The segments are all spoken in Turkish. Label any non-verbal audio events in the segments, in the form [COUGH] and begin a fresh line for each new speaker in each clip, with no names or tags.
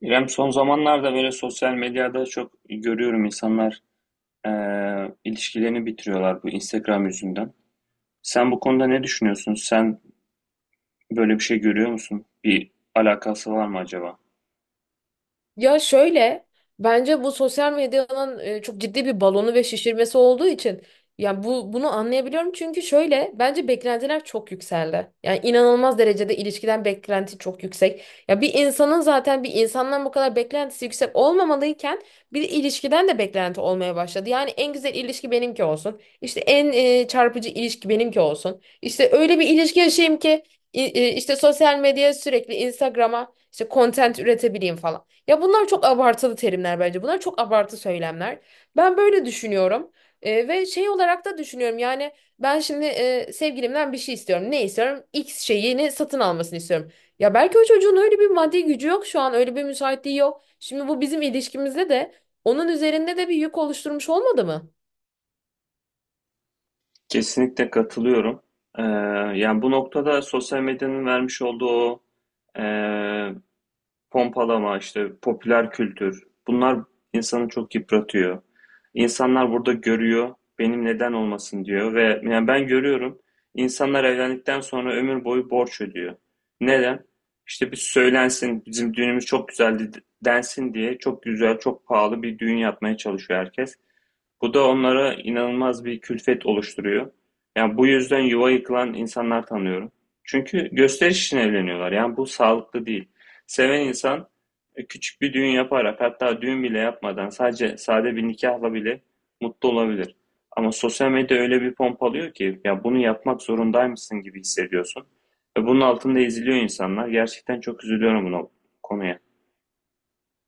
İrem, son zamanlarda böyle sosyal medyada çok görüyorum insanlar ilişkilerini bitiriyorlar bu Instagram yüzünden. Sen bu konuda ne düşünüyorsun? Sen böyle bir şey görüyor musun? Bir alakası var mı acaba?
Ya şöyle bence bu sosyal medyanın çok ciddi bir balonu ve şişirmesi olduğu için yani bunu anlayabiliyorum çünkü şöyle bence beklentiler çok yükseldi. Yani inanılmaz derecede ilişkiden beklenti çok yüksek. Ya bir insanın zaten bir insandan bu kadar beklentisi yüksek olmamalıyken bir de ilişkiden de beklenti olmaya başladı. Yani en güzel ilişki benimki olsun. İşte en çarpıcı ilişki benimki olsun. İşte öyle bir ilişki yaşayayım ki işte sosyal medyaya sürekli Instagram'a işte content üretebileyim falan. Ya bunlar çok abartılı terimler bence. Bunlar çok abartı söylemler. Ben böyle düşünüyorum. Ve şey olarak da düşünüyorum yani ben şimdi sevgilimden bir şey istiyorum. Ne istiyorum? X şeyini satın almasını istiyorum. Ya belki o çocuğun öyle bir maddi gücü yok şu an öyle bir müsaitliği yok. Şimdi bu bizim ilişkimizde de onun üzerinde de bir yük oluşturmuş olmadı mı?
Kesinlikle katılıyorum. Eee, Yani bu noktada sosyal medyanın vermiş olduğu o pompalama, işte popüler kültür, bunlar insanı çok yıpratıyor. İnsanlar burada görüyor, benim neden olmasın diyor ve yani ben görüyorum, insanlar evlendikten sonra ömür boyu borç ödüyor. Neden? İşte bir söylensin, bizim düğünümüz çok güzeldi densin diye çok güzel, çok pahalı bir düğün yapmaya çalışıyor herkes. Bu da onlara inanılmaz bir külfet oluşturuyor. Yani bu yüzden yuva yıkılan insanlar tanıyorum. Çünkü gösteriş için evleniyorlar. Yani bu sağlıklı değil. Seven insan küçük bir düğün yaparak hatta düğün bile yapmadan sadece sade bir nikahla bile mutlu olabilir. Ama sosyal medya öyle bir pompalıyor ki ya bunu yapmak zorundaymışsın gibi hissediyorsun. Ve bunun altında eziliyor insanlar. Gerçekten çok üzülüyorum buna konuya.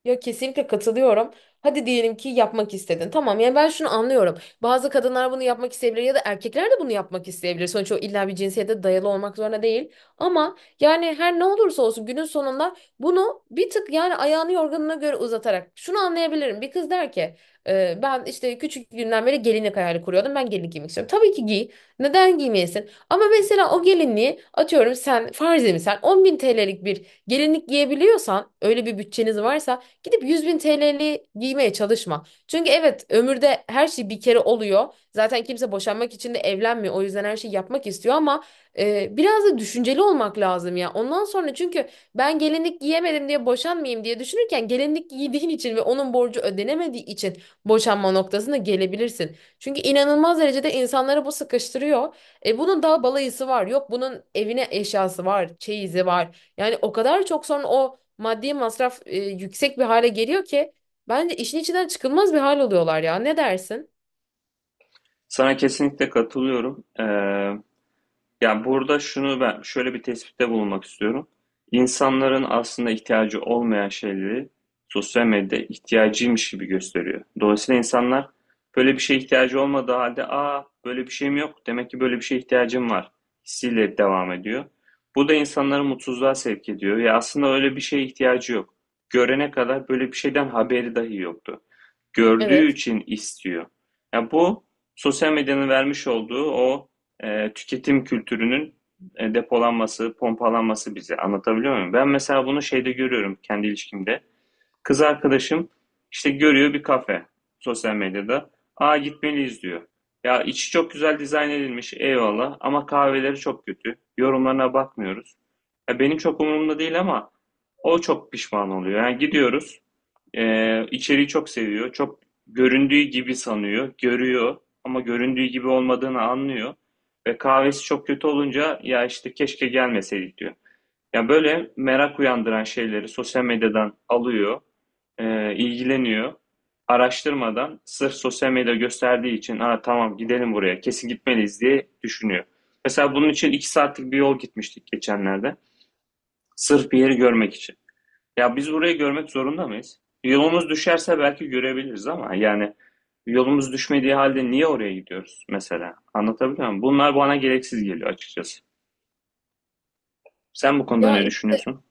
Ya kesinlikle katılıyorum. Hadi diyelim ki yapmak istedin. Tamam yani ben şunu anlıyorum. Bazı kadınlar bunu yapmak isteyebilir ya da erkekler de bunu yapmak isteyebilir. Sonuçta o illa bir cinsiyete dayalı olmak zorunda değil. Ama yani her ne olursa olsun günün sonunda bunu bir tık yani ayağını yorganına göre uzatarak şunu anlayabilirim. Bir kız der ki Ben işte küçük günden beri gelinlik hayali kuruyordum. Ben gelinlik giymek istiyorum. Tabii ki giy. Neden giymeyesin? Ama mesela o gelinliği atıyorum, sen farzi misal 10 bin TL'lik bir gelinlik giyebiliyorsan, öyle bir bütçeniz varsa, gidip 100.000 TL'li giymeye çalışma. Çünkü evet ömürde her şey bir kere oluyor. Zaten kimse boşanmak için de evlenmiyor. O yüzden her şeyi yapmak istiyor ama biraz da düşünceli olmak lazım ya. Ondan sonra çünkü ben gelinlik giyemedim diye boşanmayayım diye düşünürken gelinlik giydiğin için ve onun borcu ödenemediği için boşanma noktasına gelebilirsin. Çünkü inanılmaz derecede insanları bu sıkıştırıyor. Bunun daha balayısı var. Yok bunun evine eşyası var, çeyizi var. Yani o kadar çok sonra o maddi masraf yüksek bir hale geliyor ki bence işin içinden çıkılmaz bir hal oluyorlar ya. Ne dersin?
Sana kesinlikle katılıyorum. Ya burada şunu ben şöyle bir tespitte bulunmak istiyorum. İnsanların aslında ihtiyacı olmayan şeyleri sosyal medyada ihtiyacıymış gibi gösteriyor. Dolayısıyla insanlar böyle bir şeye ihtiyacı olmadığı halde aa böyle bir şeyim yok demek ki böyle bir şeye ihtiyacım var hissiyle devam ediyor. Bu da insanları mutsuzluğa sevk ediyor. Ya aslında öyle bir şeye ihtiyacı yok. Görene kadar böyle bir şeyden haberi dahi yoktu, gördüğü
Evet.
için istiyor. Ya bu sosyal medyanın vermiş olduğu o tüketim kültürünün depolanması, pompalanması bize. Anlatabiliyor muyum? Ben mesela bunu şeyde görüyorum kendi ilişkimde. Kız arkadaşım işte görüyor bir kafe sosyal medyada. Aa, gitmeliyiz diyor. Ya içi çok güzel dizayn edilmiş, eyvallah, ama kahveleri çok kötü. Yorumlarına bakmıyoruz. Ya benim çok umurumda değil ama o çok pişman oluyor. Yani gidiyoruz, içeriği çok seviyor. Çok göründüğü gibi sanıyor, görüyor ama göründüğü gibi olmadığını anlıyor. Ve kahvesi çok kötü olunca ya işte keşke gelmeseydik diyor. Ya böyle merak uyandıran şeyleri sosyal medyadan alıyor, ilgileniyor. Araştırmadan sırf sosyal medya gösterdiği için aa, tamam gidelim buraya, kesin gitmeliyiz diye düşünüyor. Mesela bunun için iki saatlik bir yol gitmiştik geçenlerde. Sırf bir yeri görmek için. Ya biz burayı görmek zorunda mıyız? Yolumuz düşerse belki görebiliriz ama yani yolumuz düşmediği halde niye oraya gidiyoruz mesela? Anlatabiliyor muyum? Bunlar bana gereksiz geliyor açıkçası. Sen bu konuda
Ya
ne düşünüyorsun?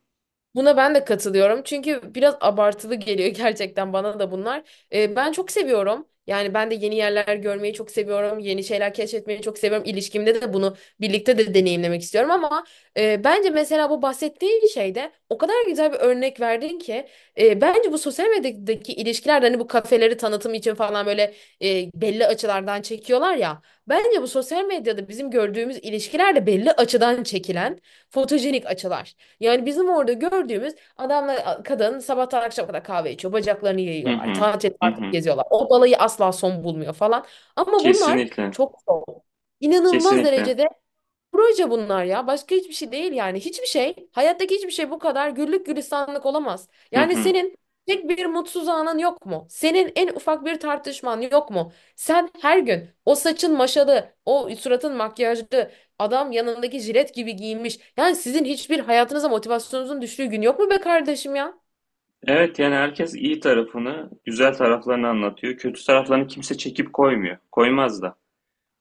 buna ben de katılıyorum. Çünkü biraz abartılı geliyor [LAUGHS] gerçekten bana da bunlar. Ben çok seviyorum. Yani ben de yeni yerler görmeyi çok seviyorum. Yeni şeyler keşfetmeyi çok seviyorum. İlişkimde de bunu birlikte de deneyimlemek istiyorum ama bence mesela bu bahsettiğin şeyde o kadar güzel bir örnek verdin ki bence bu sosyal medyadaki ilişkiler de hani bu kafeleri tanıtım için falan böyle belli açılardan çekiyorlar ya. Bence bu sosyal medyada bizim gördüğümüz ilişkiler de belli açıdan çekilen fotojenik açılar. Yani bizim orada gördüğümüz adamla kadın sabahtan akşama kadar kahve içiyor. Bacaklarını
Hı
yayıyorlar.
hı.
Tatil
Hı
tatil
hı.
geziyorlar. O balayı asla son bulmuyor falan. Ama bunlar
Kesinlikle.
çok zor. İnanılmaz
Kesinlikle.
derecede proje bunlar ya. Başka hiçbir şey değil yani. Hiçbir şey, hayattaki hiçbir şey bu kadar güllük gülistanlık olamaz.
Hı
Yani
hı.
senin tek bir mutsuz anın yok mu? Senin en ufak bir tartışman yok mu? Sen her gün o saçın maşalı, o suratın makyajlı, adam yanındaki jilet gibi giyinmiş. Yani sizin hiçbir hayatınıza motivasyonunuzun düştüğü gün yok mu be kardeşim ya?
Evet, yani herkes iyi tarafını, güzel taraflarını anlatıyor. Kötü taraflarını kimse çekip koymuyor. Koymaz da.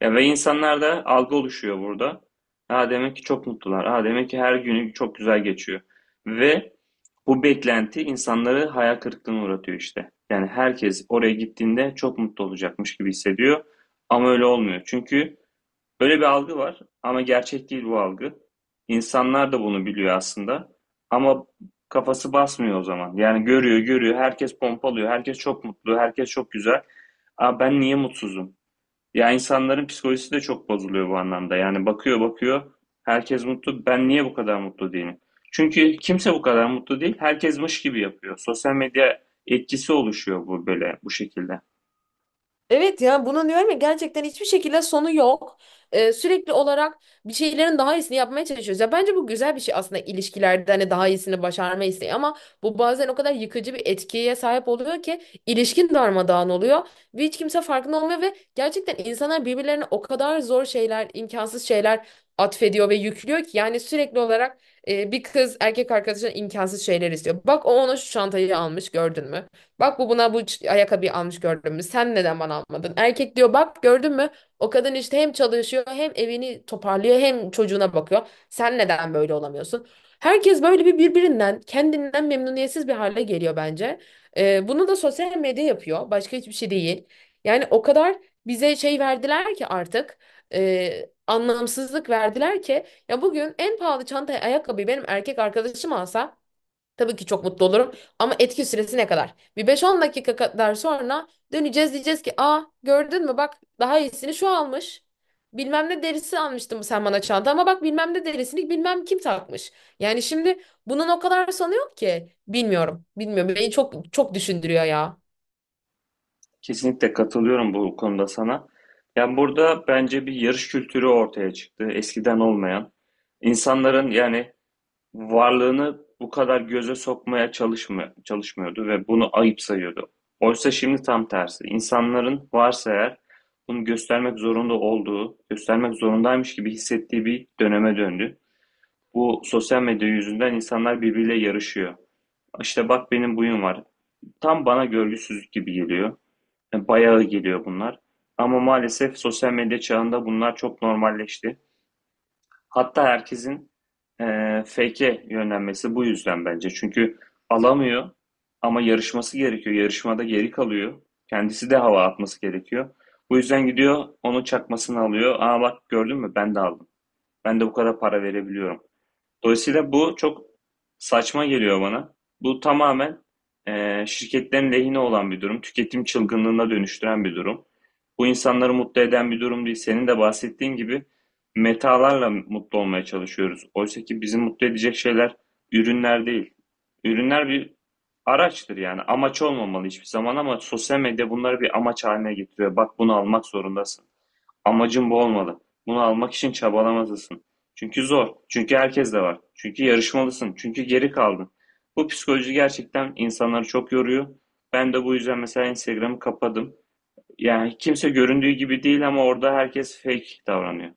Ya, ve insanlarda algı oluşuyor burada. Ha demek ki çok mutlular. Ha demek ki her günü çok güzel geçiyor. Ve bu beklenti insanları hayal kırıklığına uğratıyor işte. Yani herkes oraya gittiğinde çok mutlu olacakmış gibi hissediyor. Ama öyle olmuyor. Çünkü böyle bir algı var ama gerçek değil bu algı. İnsanlar da bunu biliyor aslında. Ama kafası basmıyor o zaman. Yani görüyor, görüyor. Herkes pompalıyor. Herkes çok mutlu. Herkes çok güzel. Aa, ben niye mutsuzum? Ya insanların psikolojisi de çok bozuluyor bu anlamda. Yani bakıyor bakıyor, herkes mutlu. Ben niye bu kadar mutlu değilim? Çünkü kimse bu kadar mutlu değil. Herkes mış gibi yapıyor. Sosyal medya etkisi oluşuyor bu böyle bu şekilde.
Evet ya bunu diyorum ya, gerçekten hiçbir şekilde sonu yok. Sürekli olarak bir şeylerin daha iyisini yapmaya çalışıyoruz. Ya bence bu güzel bir şey aslında ilişkilerde, hani daha iyisini başarma isteği, ama bu bazen o kadar yıkıcı bir etkiye sahip oluyor ki ilişkin darmadağın oluyor ve hiç kimse farkında olmuyor ve gerçekten insanlar birbirlerine o kadar zor şeyler, imkansız şeyler atfediyor ve yüklüyor ki yani sürekli olarak bir kız erkek arkadaşına imkansız şeyler istiyor. Bak o ona şu çantayı almış gördün mü? Bak bu buna bu ayakkabıyı almış gördün mü? Sen neden bana almadın? Erkek diyor bak gördün mü? O kadın işte hem çalışıyor hem evini toparlıyor hem çocuğuna bakıyor. Sen neden böyle olamıyorsun? Herkes böyle bir birbirinden, kendinden memnuniyetsiz bir hale geliyor bence. Bunu da sosyal medya yapıyor. Başka hiçbir şey değil. Yani o kadar bize şey verdiler ki artık anlamsızlık verdiler ki, ya bugün en pahalı çantayı, ayakkabıyı benim erkek arkadaşım alsa tabii ki çok mutlu olurum ama etki süresi ne kadar? Bir beş on dakika kadar sonra döneceğiz, diyeceğiz ki aa gördün mü bak, daha iyisini şu almış. Bilmem ne derisi almıştım sen bana çanta, ama bak bilmem ne derisini bilmem kim takmış. Yani şimdi bundan o kadar sanıyor ki, bilmiyorum. Bilmiyorum. Beni çok çok düşündürüyor ya.
Kesinlikle katılıyorum bu konuda sana. Yani burada bence bir yarış kültürü ortaya çıktı. Eskiden olmayan. İnsanların yani varlığını bu kadar göze sokmaya çalışmıyordu ve bunu ayıp sayıyordu. Oysa şimdi tam tersi. İnsanların varsa eğer bunu göstermek zorunda olduğu, göstermek zorundaymış gibi hissettiği bir döneme döndü. Bu sosyal medya yüzünden insanlar birbiriyle yarışıyor. İşte bak benim buyum var. Tam bana görgüsüzlük gibi geliyor. Yani bayağı geliyor bunlar. Ama maalesef sosyal medya çağında bunlar çok normalleşti. Hatta herkesin fake'e yönlenmesi bu yüzden bence. Çünkü alamıyor ama yarışması gerekiyor. Yarışmada geri kalıyor. Kendisi de hava atması gerekiyor. Bu yüzden gidiyor onun çakmasını alıyor. Aa bak gördün mü, ben de aldım. Ben de bu kadar para verebiliyorum. Dolayısıyla bu çok saçma geliyor bana. Bu tamamen şirketlerin lehine olan bir durum. Tüketim çılgınlığına dönüştüren bir durum. Bu insanları mutlu eden bir durum değil. Senin de bahsettiğin gibi metalarla mutlu olmaya çalışıyoruz. Oysa ki bizi mutlu edecek şeyler ürünler değil. Ürünler bir araçtır yani. Amaç olmamalı hiçbir zaman ama sosyal medya bunları bir amaç haline getiriyor. Bak bunu almak zorundasın. Amacın bu olmalı. Bunu almak için çabalamalısın. Çünkü zor. Çünkü herkes de var. Çünkü yarışmalısın. Çünkü geri kaldın. Bu psikoloji gerçekten insanları çok yoruyor. Ben de bu yüzden mesela Instagram'ı kapadım. Yani kimse göründüğü gibi değil ama orada herkes fake davranıyor.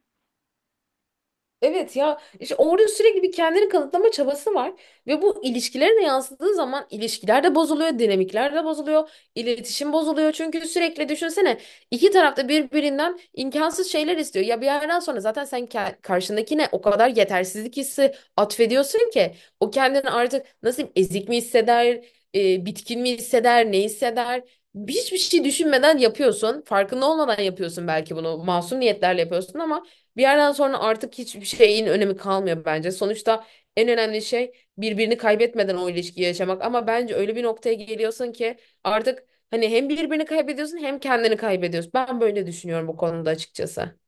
Evet ya işte orada sürekli bir kendini kanıtlama çabası var ve bu ilişkilere de yansıdığı zaman ilişkiler de bozuluyor, dinamikler de bozuluyor, iletişim bozuluyor. Çünkü sürekli düşünsene, iki tarafta birbirinden imkansız şeyler istiyor. Ya bir yerden sonra zaten karşındakine o kadar yetersizlik hissi atfediyorsun ki o kendini artık nasıl diyeyim, ezik mi hisseder, bitkin mi hisseder, ne hisseder? Hiçbir şey düşünmeden yapıyorsun. Farkında olmadan yapıyorsun belki bunu. Masum niyetlerle yapıyorsun ama bir yerden sonra artık hiçbir şeyin önemi kalmıyor bence. Sonuçta en önemli şey birbirini kaybetmeden o ilişkiyi yaşamak. Ama bence öyle bir noktaya geliyorsun ki artık hani hem birbirini kaybediyorsun hem kendini kaybediyorsun. Ben böyle düşünüyorum bu konuda açıkçası.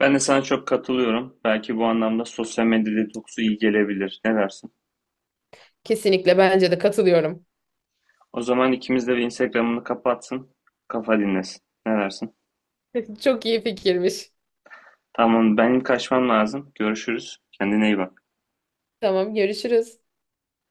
Ben de sana çok katılıyorum. Belki bu anlamda sosyal medya detoksu iyi gelebilir. Ne dersin?
Kesinlikle bence de katılıyorum.
O zaman ikimiz de bir Instagram'ını kapatsın. Kafa dinlesin. Ne dersin?
[LAUGHS] Çok iyi fikirmiş.
Tamam, benim kaçmam lazım. Görüşürüz. Kendine iyi bak.
Tamam, görüşürüz.